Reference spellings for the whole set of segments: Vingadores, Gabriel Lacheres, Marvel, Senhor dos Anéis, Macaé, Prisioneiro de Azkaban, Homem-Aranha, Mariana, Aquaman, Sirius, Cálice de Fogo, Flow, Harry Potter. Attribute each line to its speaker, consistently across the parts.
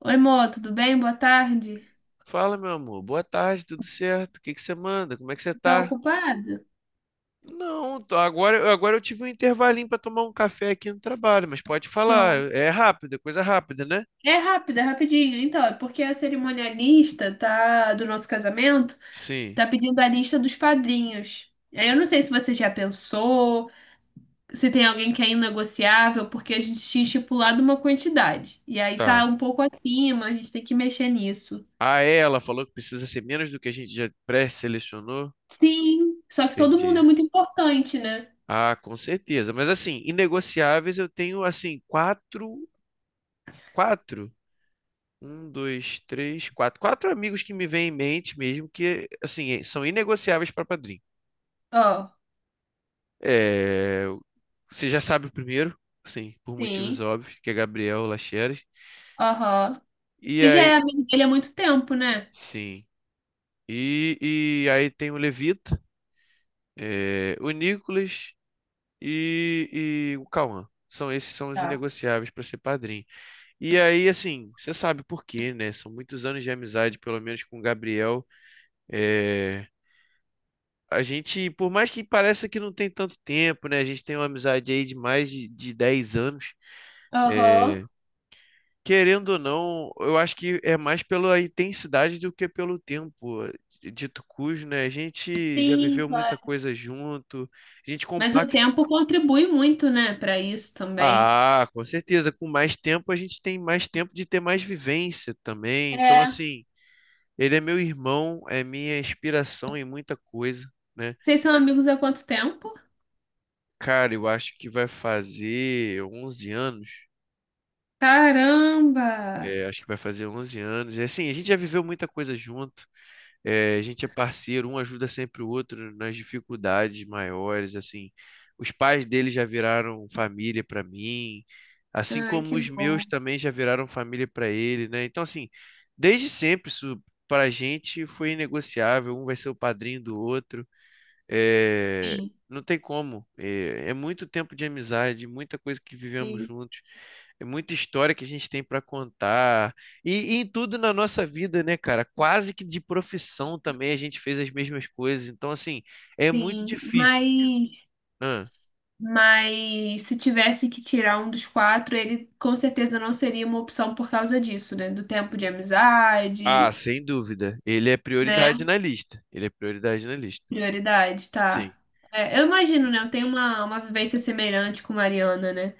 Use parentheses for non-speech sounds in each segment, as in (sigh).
Speaker 1: Oi, Mô, tudo bem? Boa tarde.
Speaker 2: Fala, meu amor. Boa tarde, tudo certo? O que você manda? Como é que você
Speaker 1: Tá
Speaker 2: tá?
Speaker 1: ocupado?
Speaker 2: Não, agora eu tive um intervalinho para tomar um café aqui no trabalho, mas pode
Speaker 1: Show.
Speaker 2: falar. É rápido, é coisa rápida, né?
Speaker 1: É rápido, é rapidinho. Então, é porque a cerimonialista tá, do nosso casamento
Speaker 2: Sim,
Speaker 1: tá pedindo a lista dos padrinhos. Aí eu não sei se você já pensou, se tem alguém que é inegociável, porque a gente tinha estipulado uma quantidade. E aí tá
Speaker 2: tá.
Speaker 1: um pouco acima, a gente tem que mexer nisso.
Speaker 2: Ah, é, ela falou que precisa ser menos do que a gente já pré-selecionou.
Speaker 1: Sim, só que todo mundo é
Speaker 2: Entendi.
Speaker 1: muito importante, né?
Speaker 2: Ah, com certeza. Mas assim, inegociáveis eu tenho assim, quatro, quatro. Um, dois, três, quatro. Quatro amigos que me vêm em mente mesmo, que assim, são inegociáveis para padrinho.
Speaker 1: Ó,
Speaker 2: É, você já sabe o primeiro, assim, por motivos
Speaker 1: sim.
Speaker 2: óbvios, que é Gabriel Lacheres.
Speaker 1: Aham.
Speaker 2: E
Speaker 1: Você já é
Speaker 2: aí,
Speaker 1: amigo dele há muito tempo, né?
Speaker 2: sim. E, e aí tem o Levita, é, o Nicolas e o Cauã. São esses são os
Speaker 1: Tá.
Speaker 2: inegociáveis para ser padrinho. E aí, assim, você sabe por quê, né? São muitos anos de amizade, pelo menos com o Gabriel. É, a gente, por mais que pareça que não tem tanto tempo, né? A gente tem uma amizade aí de mais de 10 anos.
Speaker 1: Aham.
Speaker 2: É, querendo ou não, eu acho que é mais pela intensidade do que pelo tempo. Dito cujo, né? A gente já
Speaker 1: Sim,
Speaker 2: viveu muita
Speaker 1: claro.
Speaker 2: coisa junto, a gente
Speaker 1: Mas o
Speaker 2: compacta.
Speaker 1: tempo contribui muito, né, pra isso também.
Speaker 2: Ah, com certeza. Com mais tempo, a gente tem mais tempo de ter mais vivência também. Então,
Speaker 1: É.
Speaker 2: assim, ele é meu irmão, é minha inspiração em muita coisa, né?
Speaker 1: Vocês são amigos há quanto tempo?
Speaker 2: Cara, eu acho que vai fazer 11 anos.
Speaker 1: Caramba!
Speaker 2: É, acho que vai fazer onze anos. E assim, a gente já viveu muita coisa junto. É, a gente é parceiro, um ajuda sempre o outro nas dificuldades maiores, assim. Os pais dele já viraram família para mim, assim
Speaker 1: Ai,
Speaker 2: como
Speaker 1: que
Speaker 2: os
Speaker 1: bom.
Speaker 2: meus também já viraram família para ele, né? Então, assim, desde sempre isso para a gente foi inegociável, um vai ser o padrinho do outro. É,
Speaker 1: Sim,
Speaker 2: não tem como. É, é muito tempo de amizade, muita coisa que vivemos
Speaker 1: sim,
Speaker 2: juntos, é muita história que a gente tem para contar. E, e em tudo na nossa vida, né, cara? Quase que de profissão também a gente fez as mesmas coisas. Então, assim, é muito
Speaker 1: sim.
Speaker 2: difícil.
Speaker 1: Mas,
Speaker 2: Ah,
Speaker 1: mas se tivesse que tirar um dos quatro, ele com certeza não seria uma opção por causa disso, né? Do tempo de
Speaker 2: ah,
Speaker 1: amizade,
Speaker 2: sem dúvida. Ele é prioridade
Speaker 1: né?
Speaker 2: na lista. Ele é prioridade na lista.
Speaker 1: Prioridade,
Speaker 2: Sim.
Speaker 1: tá. É, eu imagino, né? Eu tenho uma vivência semelhante com Mariana, né?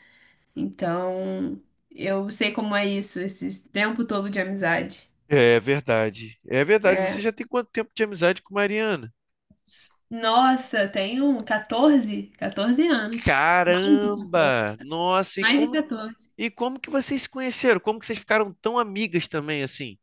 Speaker 1: Então, eu sei como é isso, esse tempo todo de amizade.
Speaker 2: É verdade. É verdade. Você
Speaker 1: É.
Speaker 2: já tem quanto tempo de amizade com Mariana?
Speaker 1: Nossa, tenho catorze anos. Mais de catorze
Speaker 2: Caramba! Nossa,
Speaker 1: Mais de catorze
Speaker 2: e como que vocês se conheceram? Como que vocês ficaram tão amigas também assim?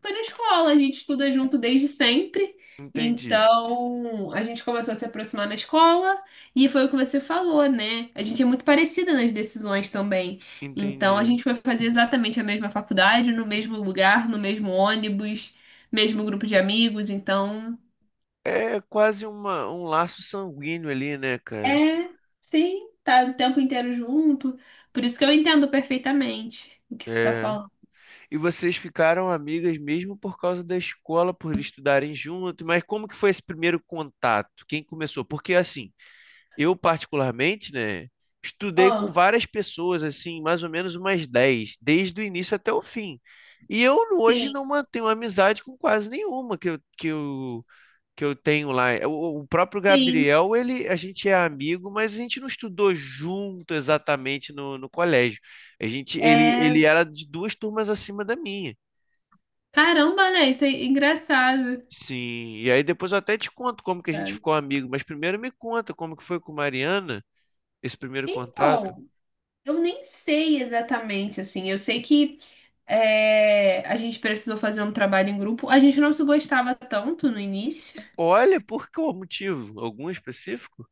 Speaker 1: Foi na escola, a gente estuda junto desde sempre.
Speaker 2: Entendi,
Speaker 1: Então, a gente começou a se aproximar na escola e foi o que você falou, né? A gente é muito parecida nas decisões também. Então, a
Speaker 2: entendi.
Speaker 1: gente foi fazer exatamente a mesma faculdade, no mesmo lugar, no mesmo ônibus, mesmo grupo de amigos. Então,
Speaker 2: É quase uma, um laço sanguíneo ali, né, cara?
Speaker 1: é, sim, tá o tempo inteiro junto. Por isso que eu entendo perfeitamente o que você tá
Speaker 2: É.
Speaker 1: falando.
Speaker 2: E vocês ficaram amigas mesmo por causa da escola, por eles estudarem junto, mas como que foi esse primeiro contato? Quem começou? Porque assim, eu particularmente, né, estudei com
Speaker 1: Ah,
Speaker 2: várias pessoas, assim, mais ou menos umas 10, desde o início até o fim. E eu hoje
Speaker 1: sim,
Speaker 2: não mantenho amizade com quase nenhuma que eu tenho lá. É O, o próprio
Speaker 1: sim.
Speaker 2: Gabriel, ele, a gente é amigo, mas a gente não estudou junto exatamente no, no colégio. A gente, ele,
Speaker 1: É,
Speaker 2: ele era de duas turmas acima da minha.
Speaker 1: caramba, né? Isso é engraçado.
Speaker 2: Sim, e aí depois eu até te conto como que a gente
Speaker 1: Cara.
Speaker 2: ficou amigo, mas primeiro me conta como que foi com Mariana, esse primeiro contato.
Speaker 1: Então, eu nem sei exatamente, assim. Eu sei que é, a gente precisou fazer um trabalho em grupo. A gente não se gostava tanto no início.
Speaker 2: Olha, por qual motivo? Algum específico?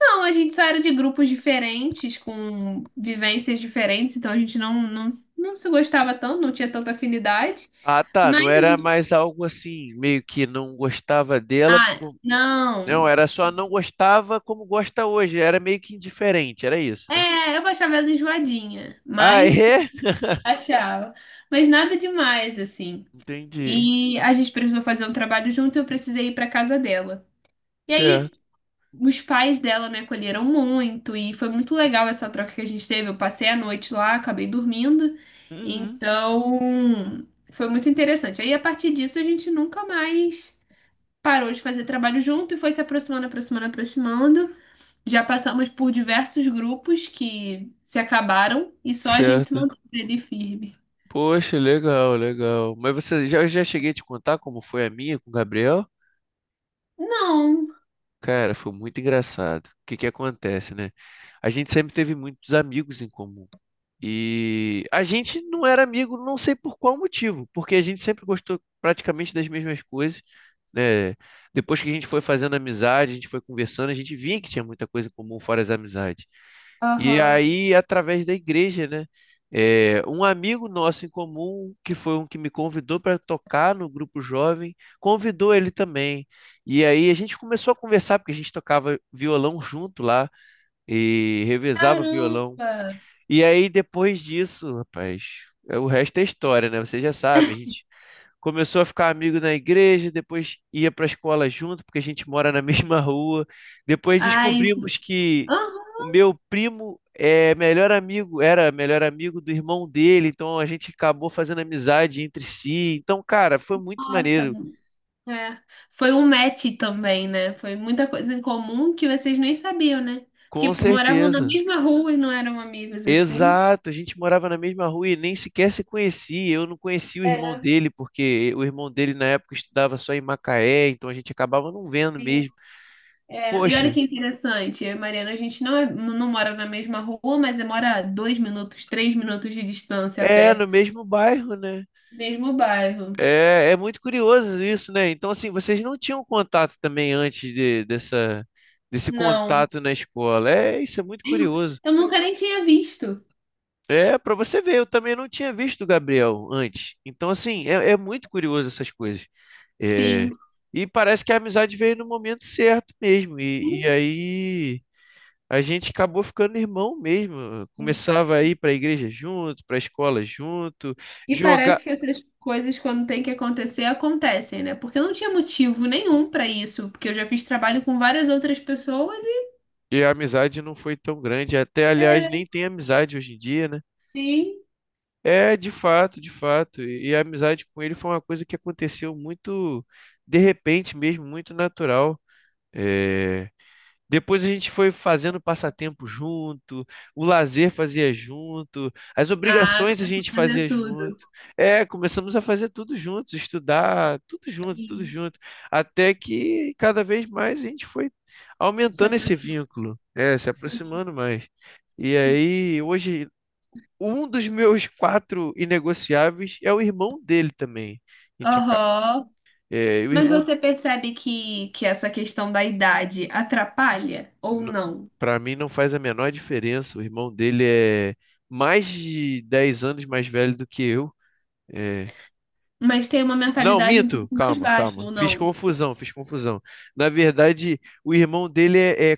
Speaker 1: Não, a gente só era de grupos diferentes, com vivências diferentes, então a gente não se gostava tanto, não tinha tanta afinidade.
Speaker 2: Ah, tá,
Speaker 1: Mas
Speaker 2: não
Speaker 1: a
Speaker 2: era
Speaker 1: gente.
Speaker 2: mais algo assim, meio que não gostava dela,
Speaker 1: Ah,
Speaker 2: não,
Speaker 1: não.
Speaker 2: era só não gostava como gosta hoje, era meio que indiferente, era isso, né?
Speaker 1: É, eu achava ela enjoadinha,
Speaker 2: Ah,
Speaker 1: mas
Speaker 2: é? (laughs)
Speaker 1: achava. Mas nada demais, assim.
Speaker 2: Entendi.
Speaker 1: E a gente precisou fazer um trabalho junto e eu precisei ir pra casa dela. E aí,
Speaker 2: Certo.
Speaker 1: os pais dela me acolheram muito e foi muito legal essa troca que a gente teve. Eu passei a noite lá, acabei dormindo.
Speaker 2: Uhum.
Speaker 1: Então, foi muito interessante. Aí, a partir disso, a gente nunca mais parou de fazer trabalho junto e foi se aproximando, aproximando, aproximando. Já passamos por diversos grupos que se acabaram e só a gente se
Speaker 2: Certo.
Speaker 1: manteve ali firme.
Speaker 2: Poxa, legal, legal. Mas você já, eu já cheguei a te contar como foi a minha com o Gabriel?
Speaker 1: Não.
Speaker 2: Cara, foi muito engraçado. O que que acontece, né? A gente sempre teve muitos amigos em comum. E a gente não era amigo, não sei por qual motivo, porque a gente sempre gostou praticamente das mesmas coisas, né? Depois que a gente foi fazendo amizade, a gente foi conversando, a gente via que tinha muita coisa em comum fora as amizades. E
Speaker 1: Aham.
Speaker 2: aí, através da igreja, né? É, um amigo nosso em comum, que foi um que me convidou para tocar no grupo jovem, convidou ele também. E aí a gente começou a conversar, porque a gente tocava violão junto lá e revezava violão.
Speaker 1: Caramba.
Speaker 2: E aí, depois disso, rapaz, é, o resto é história, né? Você já sabe, a gente começou a ficar amigo na igreja, depois ia para a escola junto, porque a gente mora na (laughs) mesma rua. Depois
Speaker 1: Ah, isso.
Speaker 2: descobrimos que
Speaker 1: Aham.
Speaker 2: o meu primo é melhor amigo, era melhor amigo do irmão dele, então a gente acabou fazendo amizade entre si. Então, cara, foi muito
Speaker 1: Nossa.
Speaker 2: maneiro,
Speaker 1: É. Foi um match também, né? Foi muita coisa em comum que vocês nem sabiam, né?
Speaker 2: com
Speaker 1: Porque moravam na
Speaker 2: certeza.
Speaker 1: mesma rua e não eram amigos assim.
Speaker 2: Exato, a gente morava na mesma rua e nem sequer se conhecia. Eu não conhecia o irmão
Speaker 1: É,
Speaker 2: dele, porque o irmão dele na época estudava só em Macaé, então a gente acabava não vendo
Speaker 1: sim.
Speaker 2: mesmo.
Speaker 1: É, e olha
Speaker 2: Poxa,
Speaker 1: que interessante, eu e Mariana, a gente não, é- não mora na mesma rua, mas mora a 2 minutos, 3 minutos de distância a
Speaker 2: é
Speaker 1: pé.
Speaker 2: no mesmo bairro, né?
Speaker 1: Mesmo bairro.
Speaker 2: É, é muito curioso isso, né? Então, assim, vocês não tinham contato também dessa, desse
Speaker 1: Não.
Speaker 2: contato na escola. É, isso é muito curioso.
Speaker 1: Eu nunca nem tinha visto.
Speaker 2: É, para você ver, eu também não tinha visto o Gabriel antes. Então, assim, é, é muito curioso essas coisas. É,
Speaker 1: Sim.
Speaker 2: e parece que a amizade veio no momento certo mesmo. E,
Speaker 1: Sim.
Speaker 2: e aí a gente acabou ficando irmão mesmo.
Speaker 1: Sim.
Speaker 2: Começava a ir para a igreja junto, para a escola junto,
Speaker 1: E
Speaker 2: jogar.
Speaker 1: parece que essas coisas, quando tem que acontecer, acontecem, né? Porque eu não tinha motivo nenhum pra isso. Porque eu já fiz trabalho com várias outras pessoas e.
Speaker 2: E a amizade não foi tão grande. Até, aliás, nem
Speaker 1: É.
Speaker 2: tem amizade hoje em dia, né?
Speaker 1: Sim.
Speaker 2: É, de fato, de fato. E a amizade com ele foi uma coisa que aconteceu muito de repente mesmo, muito natural. É, depois a gente foi fazendo passatempo junto, o lazer fazia junto, as
Speaker 1: Ah,
Speaker 2: obrigações a
Speaker 1: começou
Speaker 2: gente
Speaker 1: a fazer
Speaker 2: fazia junto.
Speaker 1: tudo.
Speaker 2: É, começamos a fazer tudo juntos, estudar, tudo
Speaker 1: Sim.
Speaker 2: junto, até que cada vez mais a gente foi
Speaker 1: Se
Speaker 2: aumentando esse
Speaker 1: aproximou.
Speaker 2: vínculo, é, se
Speaker 1: Sim.
Speaker 2: aproximando mais. E aí, hoje, um dos meus quatro inegociáveis é o irmão dele também. A gente acaba-
Speaker 1: Aham.
Speaker 2: é,
Speaker 1: Mas você percebe que essa questão da idade atrapalha ou
Speaker 2: n-
Speaker 1: não?
Speaker 2: pra mim não faz a menor diferença. O irmão dele é mais de 10 anos mais velho do que eu. É,
Speaker 1: Mas tem uma
Speaker 2: não,
Speaker 1: mentalidade um
Speaker 2: minto.
Speaker 1: pouco mais
Speaker 2: Calma,
Speaker 1: baixa
Speaker 2: calma.
Speaker 1: ou
Speaker 2: Fiz
Speaker 1: não?
Speaker 2: confusão, fiz confusão. Na verdade, o irmão dele é é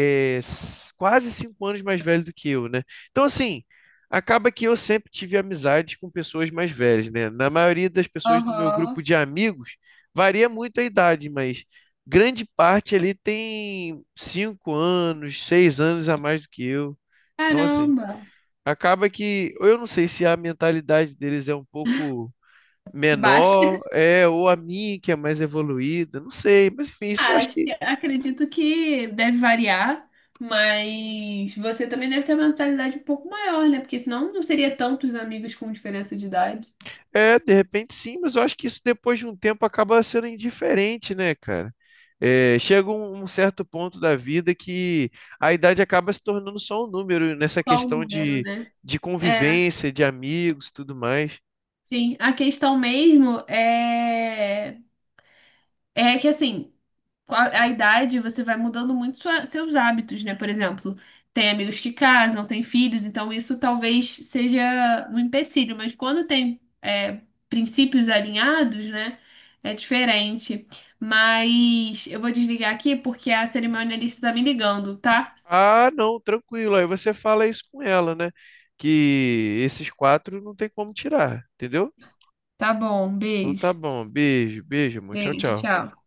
Speaker 2: é, s- quase cinco anos mais velho do que eu, né? Então, assim, acaba que eu sempre tive amizade com pessoas mais velhas, né? Na maioria das pessoas do meu grupo
Speaker 1: Aham.
Speaker 2: de amigos, varia muito a idade, mas grande parte ali tem cinco anos, seis anos a mais do que eu. Então, assim,
Speaker 1: Caramba!
Speaker 2: acaba que eu não sei se a mentalidade deles é um pouco
Speaker 1: Basta.
Speaker 2: menor,
Speaker 1: (laughs)
Speaker 2: é, ou a minha que é mais evoluída, não sei, mas enfim, isso eu acho
Speaker 1: Acho
Speaker 2: que
Speaker 1: que- acredito que deve variar, mas você também deve ter uma mentalidade um pouco maior, né? Porque senão não seria tantos amigos com diferença de idade.
Speaker 2: É, de repente sim, mas eu acho que isso depois de um tempo acaba sendo indiferente, né, cara? É, chega um certo ponto da vida que a idade acaba se tornando só um número nessa
Speaker 1: Só o
Speaker 2: questão
Speaker 1: número, né?
Speaker 2: de
Speaker 1: É,
Speaker 2: convivência, de amigos e tudo mais.
Speaker 1: sim. A questão mesmo é, é que assim. Com a idade, você vai mudando muito seus hábitos, né? Por exemplo, tem amigos que casam, tem filhos, então isso talvez seja um empecilho, mas quando tem é, princípios alinhados, né? É diferente. Mas eu vou desligar aqui porque a cerimonialista tá me ligando, tá?
Speaker 2: Ah, não, tranquilo. Aí você fala isso com ela, né? Que esses quatro não tem como tirar, entendeu?
Speaker 1: Tá bom,
Speaker 2: Então tá
Speaker 1: beijo.
Speaker 2: bom. Beijo, beijo, amor. Tchau,
Speaker 1: Beijo,
Speaker 2: tchau.
Speaker 1: tchau.